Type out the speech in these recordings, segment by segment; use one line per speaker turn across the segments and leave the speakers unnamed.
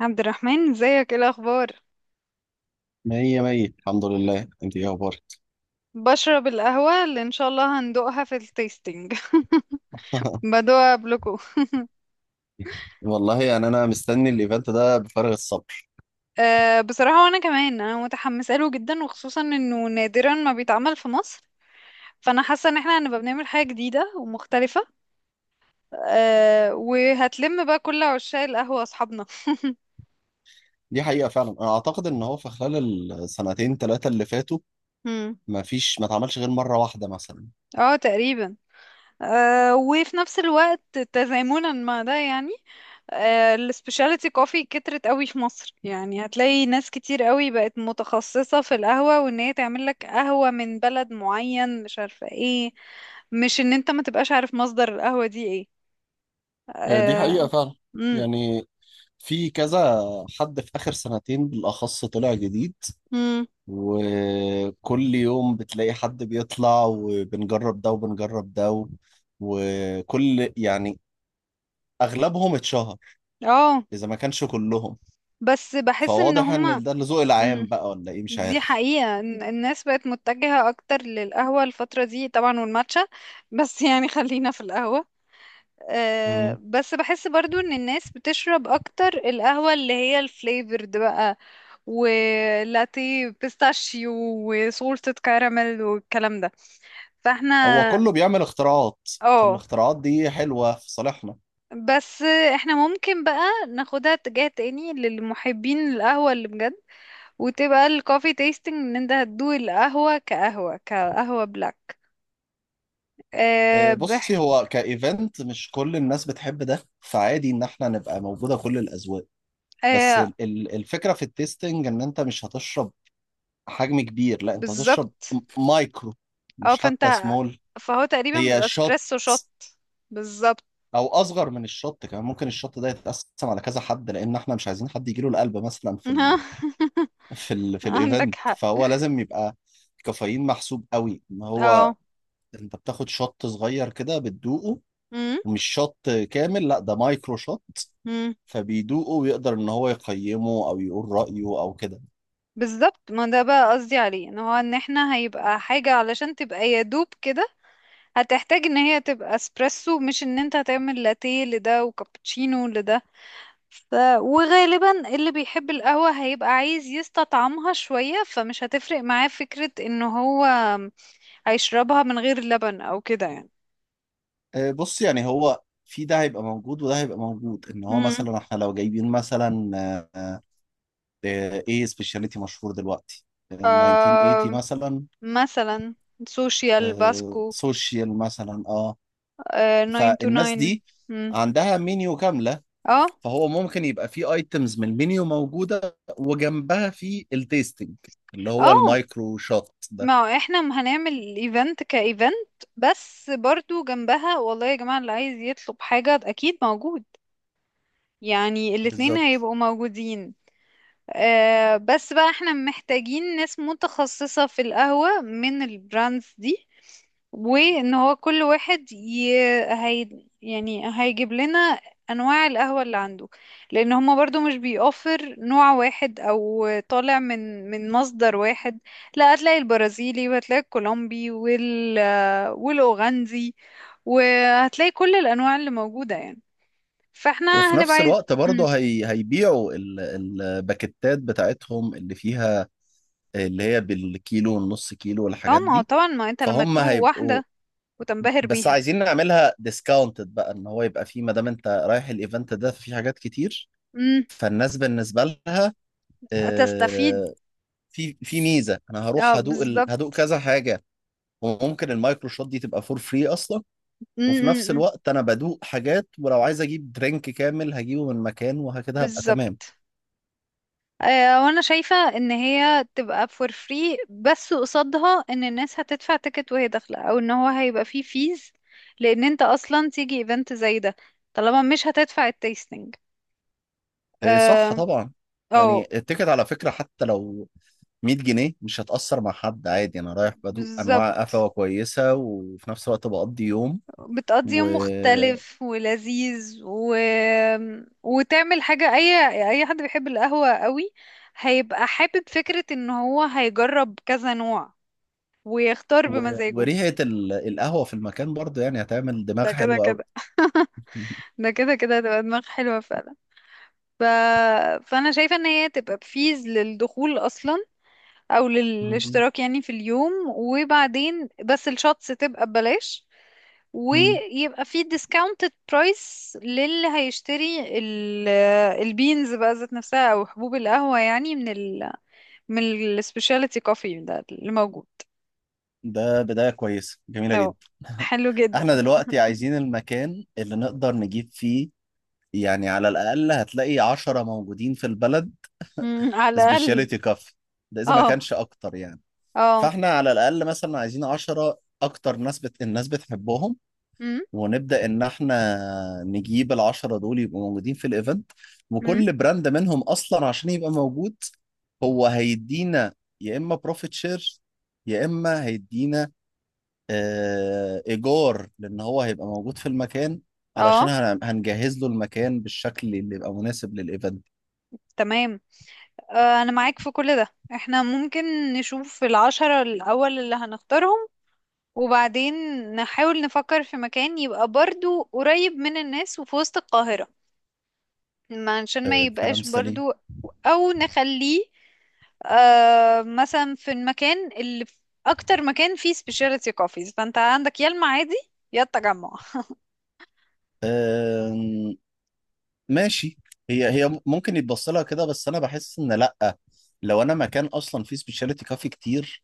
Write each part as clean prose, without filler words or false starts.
عبد الرحمن، ازيك؟ ايه الاخبار؟
مية مية، الحمد لله. انت ايه اخبارك؟
بشرب القهوة اللي ان شاء الله هندوقها في التيستينج. بدوقها قبلكوا.
والله انا مستني الايفنت ده بفارغ الصبر.
أه بصراحة، وانا كمان انا متحمسة له جدا، وخصوصا انه نادرا ما بيتعمل في مصر. فانا حاسة ان احنا هنبقى بنعمل حاجة جديدة ومختلفة. أه وهتلم بقى كل عشاق القهوة اصحابنا.
دي حقيقة فعلا. انا اعتقد ان هو في خلال السنتين ثلاثة اللي فاتوا
مم.
ما فيش ما اتعملش غير مرة واحدة مثلا.
اه تقريبا. أه وفي نفس الوقت تزامنا مع ده يعني، السبيشاليتي كوفي كترت قوي في مصر، يعني هتلاقي ناس كتير قوي بقت متخصصة في القهوة، وان هي تعمل لك قهوة من بلد معين مش عارفة ايه. مش ان انت ما تبقاش عارف مصدر القهوة دي ايه.
دي حقيقة
اه.
فعلا.
مم،
يعني في كذا حد في اخر سنتين بالاخص طلع جديد،
مم،
وكل يوم بتلاقي حد بيطلع وبنجرب ده وبنجرب ده و- وكل يعني اغلبهم اتشهر
آه،
اذا ما كانش كلهم.
بس بحس ان
فواضح
هما.
ان ده الذوق العام
مم،
بقى ولا ايه، مش
دي
عارف.
حقيقة إن الناس بقت متجهة اكتر للقهوة الفترة دي طبعا والماتشا. بس يعني خلينا في القهوة. آه،
مم.
بس بحس برضو ان الناس بتشرب اكتر القهوة اللي هي الفليفرد بقى، ولاتيه بيستاشيو وصوصة كراميل والكلام ده.
هو
فاحنا
كله بيعمل اختراعات،
اه
فالاختراعات دي حلوة في صالحنا.
بس احنا ممكن بقى ناخدها اتجاه تاني للمحبين القهوة اللي بجد، وتبقى الكوفي تيستنج ان انت هتدوق القهوة كقهوة بلاك. آه
بصي،
بح...
هو كايفنت مش كل الناس بتحب ده، فعادي ان احنا نبقى موجودة كل الاذواق. بس
آه
الفكرة في التيستنج ان انت مش هتشرب حجم كبير، لا انت هتشرب
بالظبط.
مايكرو،
اه
مش
فانت
حتى سمول.
فهو تقريبا
هي
بيبقى
شوت
اسبريسو شوت. بالظبط.
او اصغر من الشوت كمان، ممكن الشوت ده يتقسم على كذا حد، لان احنا مش عايزين حد يجيله القلب مثلا في في ال في
عندك
الايفنت.
حق.
فهو لازم يبقى الكافيين محسوب قوي، ان هو
اه.
انت بتاخد شوت صغير كده بتدوقه،
امم.
مش شوت كامل، لا ده مايكرو شوت.
امم.
فبيدوقه ويقدر ان هو يقيمه او يقول رأيه او كده.
بالظبط، ما ده بقى قصدي عليه، ان هو ان احنا هيبقى حاجة علشان تبقى يا دوب كده. هتحتاج ان هي تبقى اسبريسو، مش ان انت هتعمل لاتيه لده وكابتشينو لده. ف... وغالبا اللي بيحب القهوة هيبقى عايز يستطعمها شوية، فمش هتفرق معاه فكرة ان هو هيشربها من غير لبن او كده يعني.
بص، هو في ده هيبقى موجود وده هيبقى موجود، ان هو
امم.
مثلا احنا لو جايبين مثلا آه، ايه سبيشاليتي مشهور دلوقتي،
ف...
1980 مثلا،
مثلا سوشيال باسكو.
سوشيال مثلا، اه.
آه ناين تو
فالناس
ناين.
دي
مم.
عندها منيو كاملة،
اه
فهو ممكن يبقى في ايتمز من المنيو موجودة وجنبها في التيستنج اللي هو
اه.
المايكرو شوت ده.
ما هو احنا هنعمل ايفنت كايفنت، بس برضو جنبها والله يا جماعة، اللي عايز يطلب حاجة اكيد موجود. يعني الاتنين
بالظبط.
هيبقوا موجودين. آه بس بقى احنا محتاجين ناس متخصصة في القهوة من البراندز دي. وان هو كل واحد ي... هي... يعني هيجيب لنا انواع القهوة اللي عنده، لان هما برضو مش بيوفر نوع واحد او طالع من مصدر واحد. لا هتلاقي البرازيلي وهتلاقي الكولومبي والاوغندي، وهتلاقي كل الانواع اللي موجودة يعني. فاحنا
وفي
هنبقى
نفس
عايز.
الوقت
مم.
برضه هيبيعوا الباكتات بتاعتهم اللي فيها، اللي هي بالكيلو والنص كيلو
اه،
والحاجات
ما هو
دي.
طبعا ما انت لما
فهم
تدوق
هيبقوا،
واحدة وتنبهر
بس
بيها.
عايزين نعملها ديسكاونتد بقى، ان هو يبقى فيه، ما دام انت رايح الايفنت ده فيه حاجات كتير.
مم.
فالناس بالنسبة لها
تستفيد.
آه، في في ميزة انا
اه
هروح هدوق ال... هدوق
بالظبط.
كذا حاجة، وممكن المايكرو شوت دي تبقى فور فري اصلا.
مم،
وفي
مم،
نفس
مم.
الوقت انا بدوق حاجات، ولو عايز اجيب درينك كامل هجيبه من مكان، وهكذا هبقى تمام.
بالظبط. آه، وانا شايفة ان هي تبقى فور فري، بس قصادها ان الناس هتدفع تيكت وهي داخلة، او ان هو هيبقى فيه فيز. لان انت اصلا تيجي ايفنت زي ده طالما مش هتدفع التيستنج.
إيه، صح
اه.
طبعا.
أو،
يعني التيكت على فكرة حتى لو 100 جنيه مش هتأثر مع حد، عادي، انا رايح بدوق انواع
بالظبط.
قفوة كويسة وفي نفس الوقت بقضي يوم.
بتقضي
و...
يوم مختلف ولذيذ، وتعمل حاجة. اي حد بيحب القهوة قوي هيبقى حابب فكرة ان هو هيجرب كذا نوع، ويختار
و...
بمزاجه.
وريحة ال... القهوة في المكان برضه يعني هتعمل دماغ
ده كده
حلوة قوي.
كده. ده كده كده هتبقى دماغ حلوة فعلا. ف... فأنا شايفة إن هي تبقى بفيز للدخول أصلا، أو للاشتراك يعني في اليوم، وبعدين بس الشوتس تبقى ببلاش. ويبقى في discounted price للي هيشتري البينز بقى ذات نفسها، أو حبوب القهوة يعني، من ال specialty coffee ده اللي موجود.
ده بداية كويسة جميلة
أهو.
جدا.
حلو جدا.
احنا دلوقتي عايزين المكان اللي نقدر نجيب فيه، على الأقل هتلاقي عشرة موجودين في البلد
مم، على الأقل.
سبيشاليتي كافي، ده إذا ما
اه.
كانش أكتر يعني.
اه.
فاحنا على الأقل مثلا عايزين عشرة أكتر ناس الناس بتحبهم،
مم،
ونبدأ إن احنا نجيب العشرة دول يبقوا موجودين في الإيفنت.
مم،
وكل براند منهم أصلا عشان يبقى موجود هو هيدينا يا إما بروفيت شير يا إما هيدينا ايجار، لان هو هيبقى موجود في المكان، علشان
اه.
هنجهز له المكان بالشكل اللي يبقى مناسب للايفنت.
تمام. آه، انا معاك في كل ده. احنا ممكن نشوف العشرة الاول اللي هنختارهم، وبعدين نحاول نفكر في مكان يبقى برضو قريب من الناس وفي وسط القاهرة. عشان ما
كلام
يبقاش
سليم.
برضو، او نخليه آه، مثلا في اكتر مكان فيه سبيشاليتي كوفيز. فانت عندك يا المعادي يا التجمع.
آم، ماشي. هي ممكن يتبص لها كده، بس انا بحس ان لا. لو انا مكان اصلا فيه سبيشاليتي كافي كتير،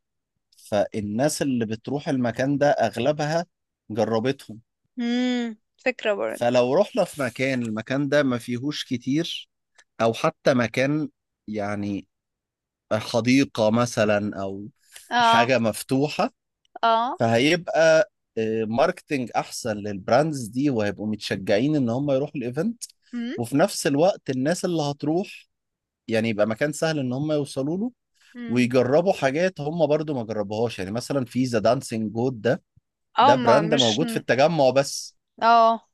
فالناس اللي بتروح المكان ده اغلبها جربتهم.
امم. فكرة برضو.
فلو رحنا في المكان ده ما فيهوش كتير، او حتى مكان يعني حديقة مثلا أو
اه
حاجة مفتوحة،
اه.
فهيبقى ماركتينج أحسن للبراندز دي وهيبقوا متشجعين إن هم يروحوا الإيفنت.
امم.
وفي نفس الوقت الناس اللي هتروح، يبقى مكان سهل إن هم يوصلوا له
امم.
ويجربوا حاجات هم برضو ما جربوهاش. يعني مثلا في ذا دانسينج جود ده،
اه.
ده
ما
براند
مش.
موجود في التجمع بس.
اه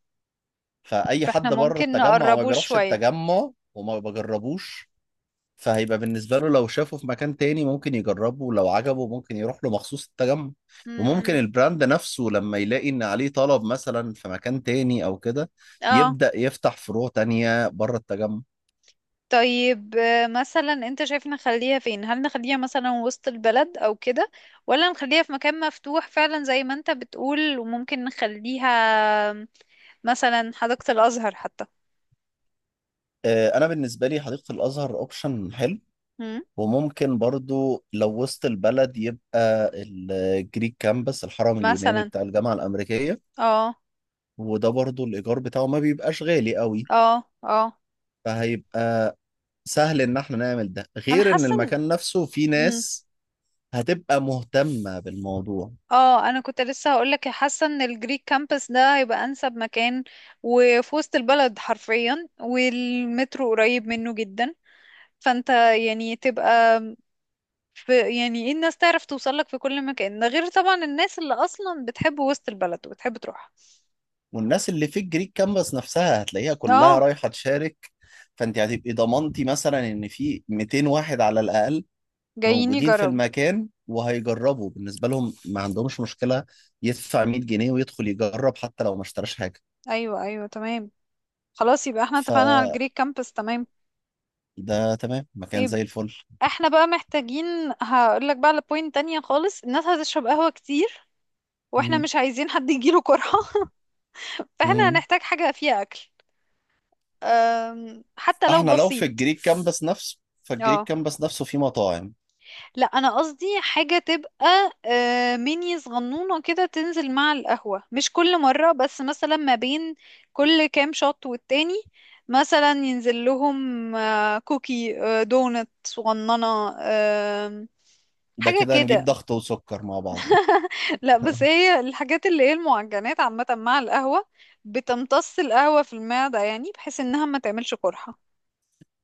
فأي حد
فاحنا
بره
ممكن
التجمع وما
نقربه
بيروحش
شوية.
التجمع وما بجربوش، فهيبقى بالنسبة له لو شافه في مكان تاني ممكن يجربه، ولو عجبه ممكن يروح له مخصوص التجمع. وممكن
امم.
البراند نفسه لما يلاقي ان عليه طلب مثلا في مكان تاني او كده،
اه.
يبدأ يفتح فروع تانية بره التجمع.
طيب آه، مثلا انت شايف نخليها فين؟ هل نخليها مثلا وسط البلد او كده، ولا نخليها في مكان مفتوح فعلا زي ما انت بتقول؟ وممكن نخليها مثلا حديقة الازهر حتى.
انا بالنسبة لي حديقة الازهر اوبشن حلو.
مم.
وممكن برضو لو وسط البلد، يبقى الجريك كامبس، الحرم اليوناني
مثلا.
بتاع الجامعة الأمريكية.
اه
وده برضو الإيجار بتاعه ما بيبقاش غالي قوي،
اه اه.
فهيبقى سهل ان احنا نعمل ده،
انا
غير ان
حاسه ان.
المكان نفسه فيه
مم.
ناس هتبقى مهتمة بالموضوع.
اه انا كنت لسه هقولك، حاسه ان الجريك كامبس ده هيبقى انسب مكان. وفي وسط البلد حرفيا، والمترو قريب منه جدا. فانت يعني تبقى ف يعني ايه، الناس تعرف توصل لك في كل مكان ده، غير طبعا الناس اللي اصلا بتحب وسط البلد وبتحب تروح.
والناس اللي في الجريك كانفاس نفسها هتلاقيها كلها
اه
رايحة تشارك، فانت هتبقي ضمنتي مثلا ان في 200 واحد على الاقل
جايين
موجودين في
يجربوا.
المكان وهيجربوا. بالنسبة لهم ما عندهمش مشكلة يدفع 100 جنيه ويدخل يجرب حتى لو ما اشتراش حاجة.
ايوه ايوه تمام. خلاص يبقى احنا اتفقنا على
فده
الجري كامبس. تمام.
تمام، مكان
ايه،
زي الفل.
احنا بقى محتاجين. هقول لك بقى على بوينت تانية خالص، الناس هتشرب قهوة كتير، واحنا
مم.
مش عايزين حد يجيله قرحة. فاحنا
مم.
هنحتاج حاجة فيها اكل. أم، حتى لو
احنا لو في
بسيط.
الجريك كامبس نفسه، فالجريك
اه
كامبس نفسه فيه مطاعم.
لا انا قصدي حاجه تبقى آه، ميني صغنونه كده تنزل مع القهوه، مش كل مره بس مثلا ما بين كل كام شوت والتاني. مثلا ينزل لهم آه، كوكي، آه، دونت صغننه. آم،
ده
حاجه
كده نجيب
كده.
ضغط وسكر مع بعض.
لا بس هي الحاجات اللي هي المعجنات عامه مع القهوه بتمتص القهوه في المعده، يعني بحيث انها ما تعملش قرحه.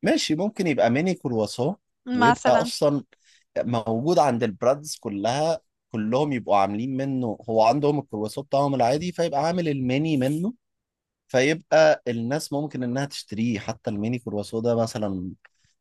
ماشي، ممكن يبقى ميني كرواسون، ويبقى
مثلا
اصلا موجود عند البرادز كلها، كلهم يبقوا عاملين منه. هو عندهم الكرواسون بتاعهم العادي، فيبقى عامل الميني منه، فيبقى الناس ممكن انها تشتريه. حتى الميني كرواسون ده مثلا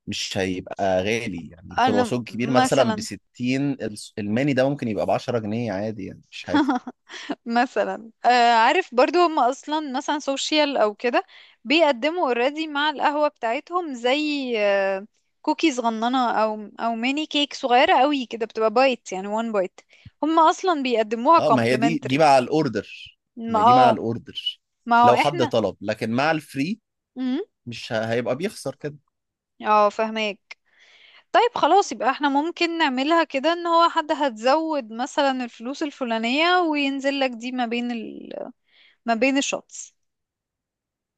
مش هيبقى غالي، يعني
انا
الكرواسون كبير مثلا ب
مثلا
60، الميني ده ممكن يبقى ب 10 جنيه عادي، يعني مش حاجه.
مثلا آه عارف برضو، هم اصلا مثلا سوشيال او كده بيقدموا اوريدي مع القهوة بتاعتهم زي آه كوكي صغننة، او ميني كيك صغيرة قوي كده، بتبقى بايت يعني، وان بايت هم اصلا بيقدموها
اه، ما هي دي
كومبلمنتري.
مع الاوردر،
ما
ما هي دي مع
اه.
الاوردر
ما هو
لو حد
احنا.
طلب، لكن مع الفري
مم،
مش ه- هيبقى بيخسر كده.
اه فهماك. طيب خلاص يبقى احنا ممكن نعملها كده، ان هو حد هتزود مثلا الفلوس الفلانية، وينزل لك دي ما بين الشوتس.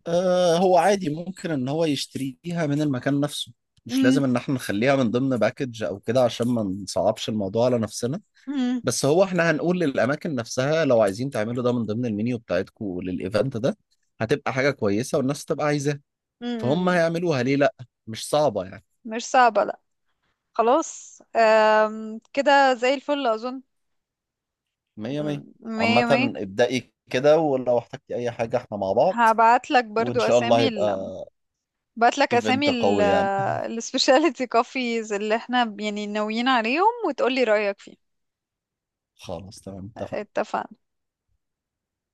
آه، هو عادي ممكن ان هو يشتريها من المكان نفسه، مش
مم،
لازم ان احنا نخليها من ضمن باكج او كده، عشان ما نصعبش الموضوع على نفسنا.
مم،
بس هو احنا هنقول للاماكن نفسها لو عايزين تعملوا ده من ضمن المنيو بتاعتكم للايفنت ده، هتبقى حاجة كويسة والناس تبقى عايزاها،
مم،
فهم
مم.
هيعملوها، ليه لا، مش صعبة يعني.
مش صعبة لا. خلاص آم، كده زي الفل اظن.
مية مية.
مم، مية
عامة،
مية.
ابدأي كده، ولو احتجتي اي حاجة احنا مع بعض،
هبعت لك
وان
برضو
شاء الله
اسامي
هيبقى
ال... بعت لك اسامي
ايفنت
ال
قوي يعني.
السبيشاليتي كوفيز اللي احنا يعني ناويين عليهم، وتقولي رأيك فيه.
خلاص، تمام، اتفقنا.
اتفقنا.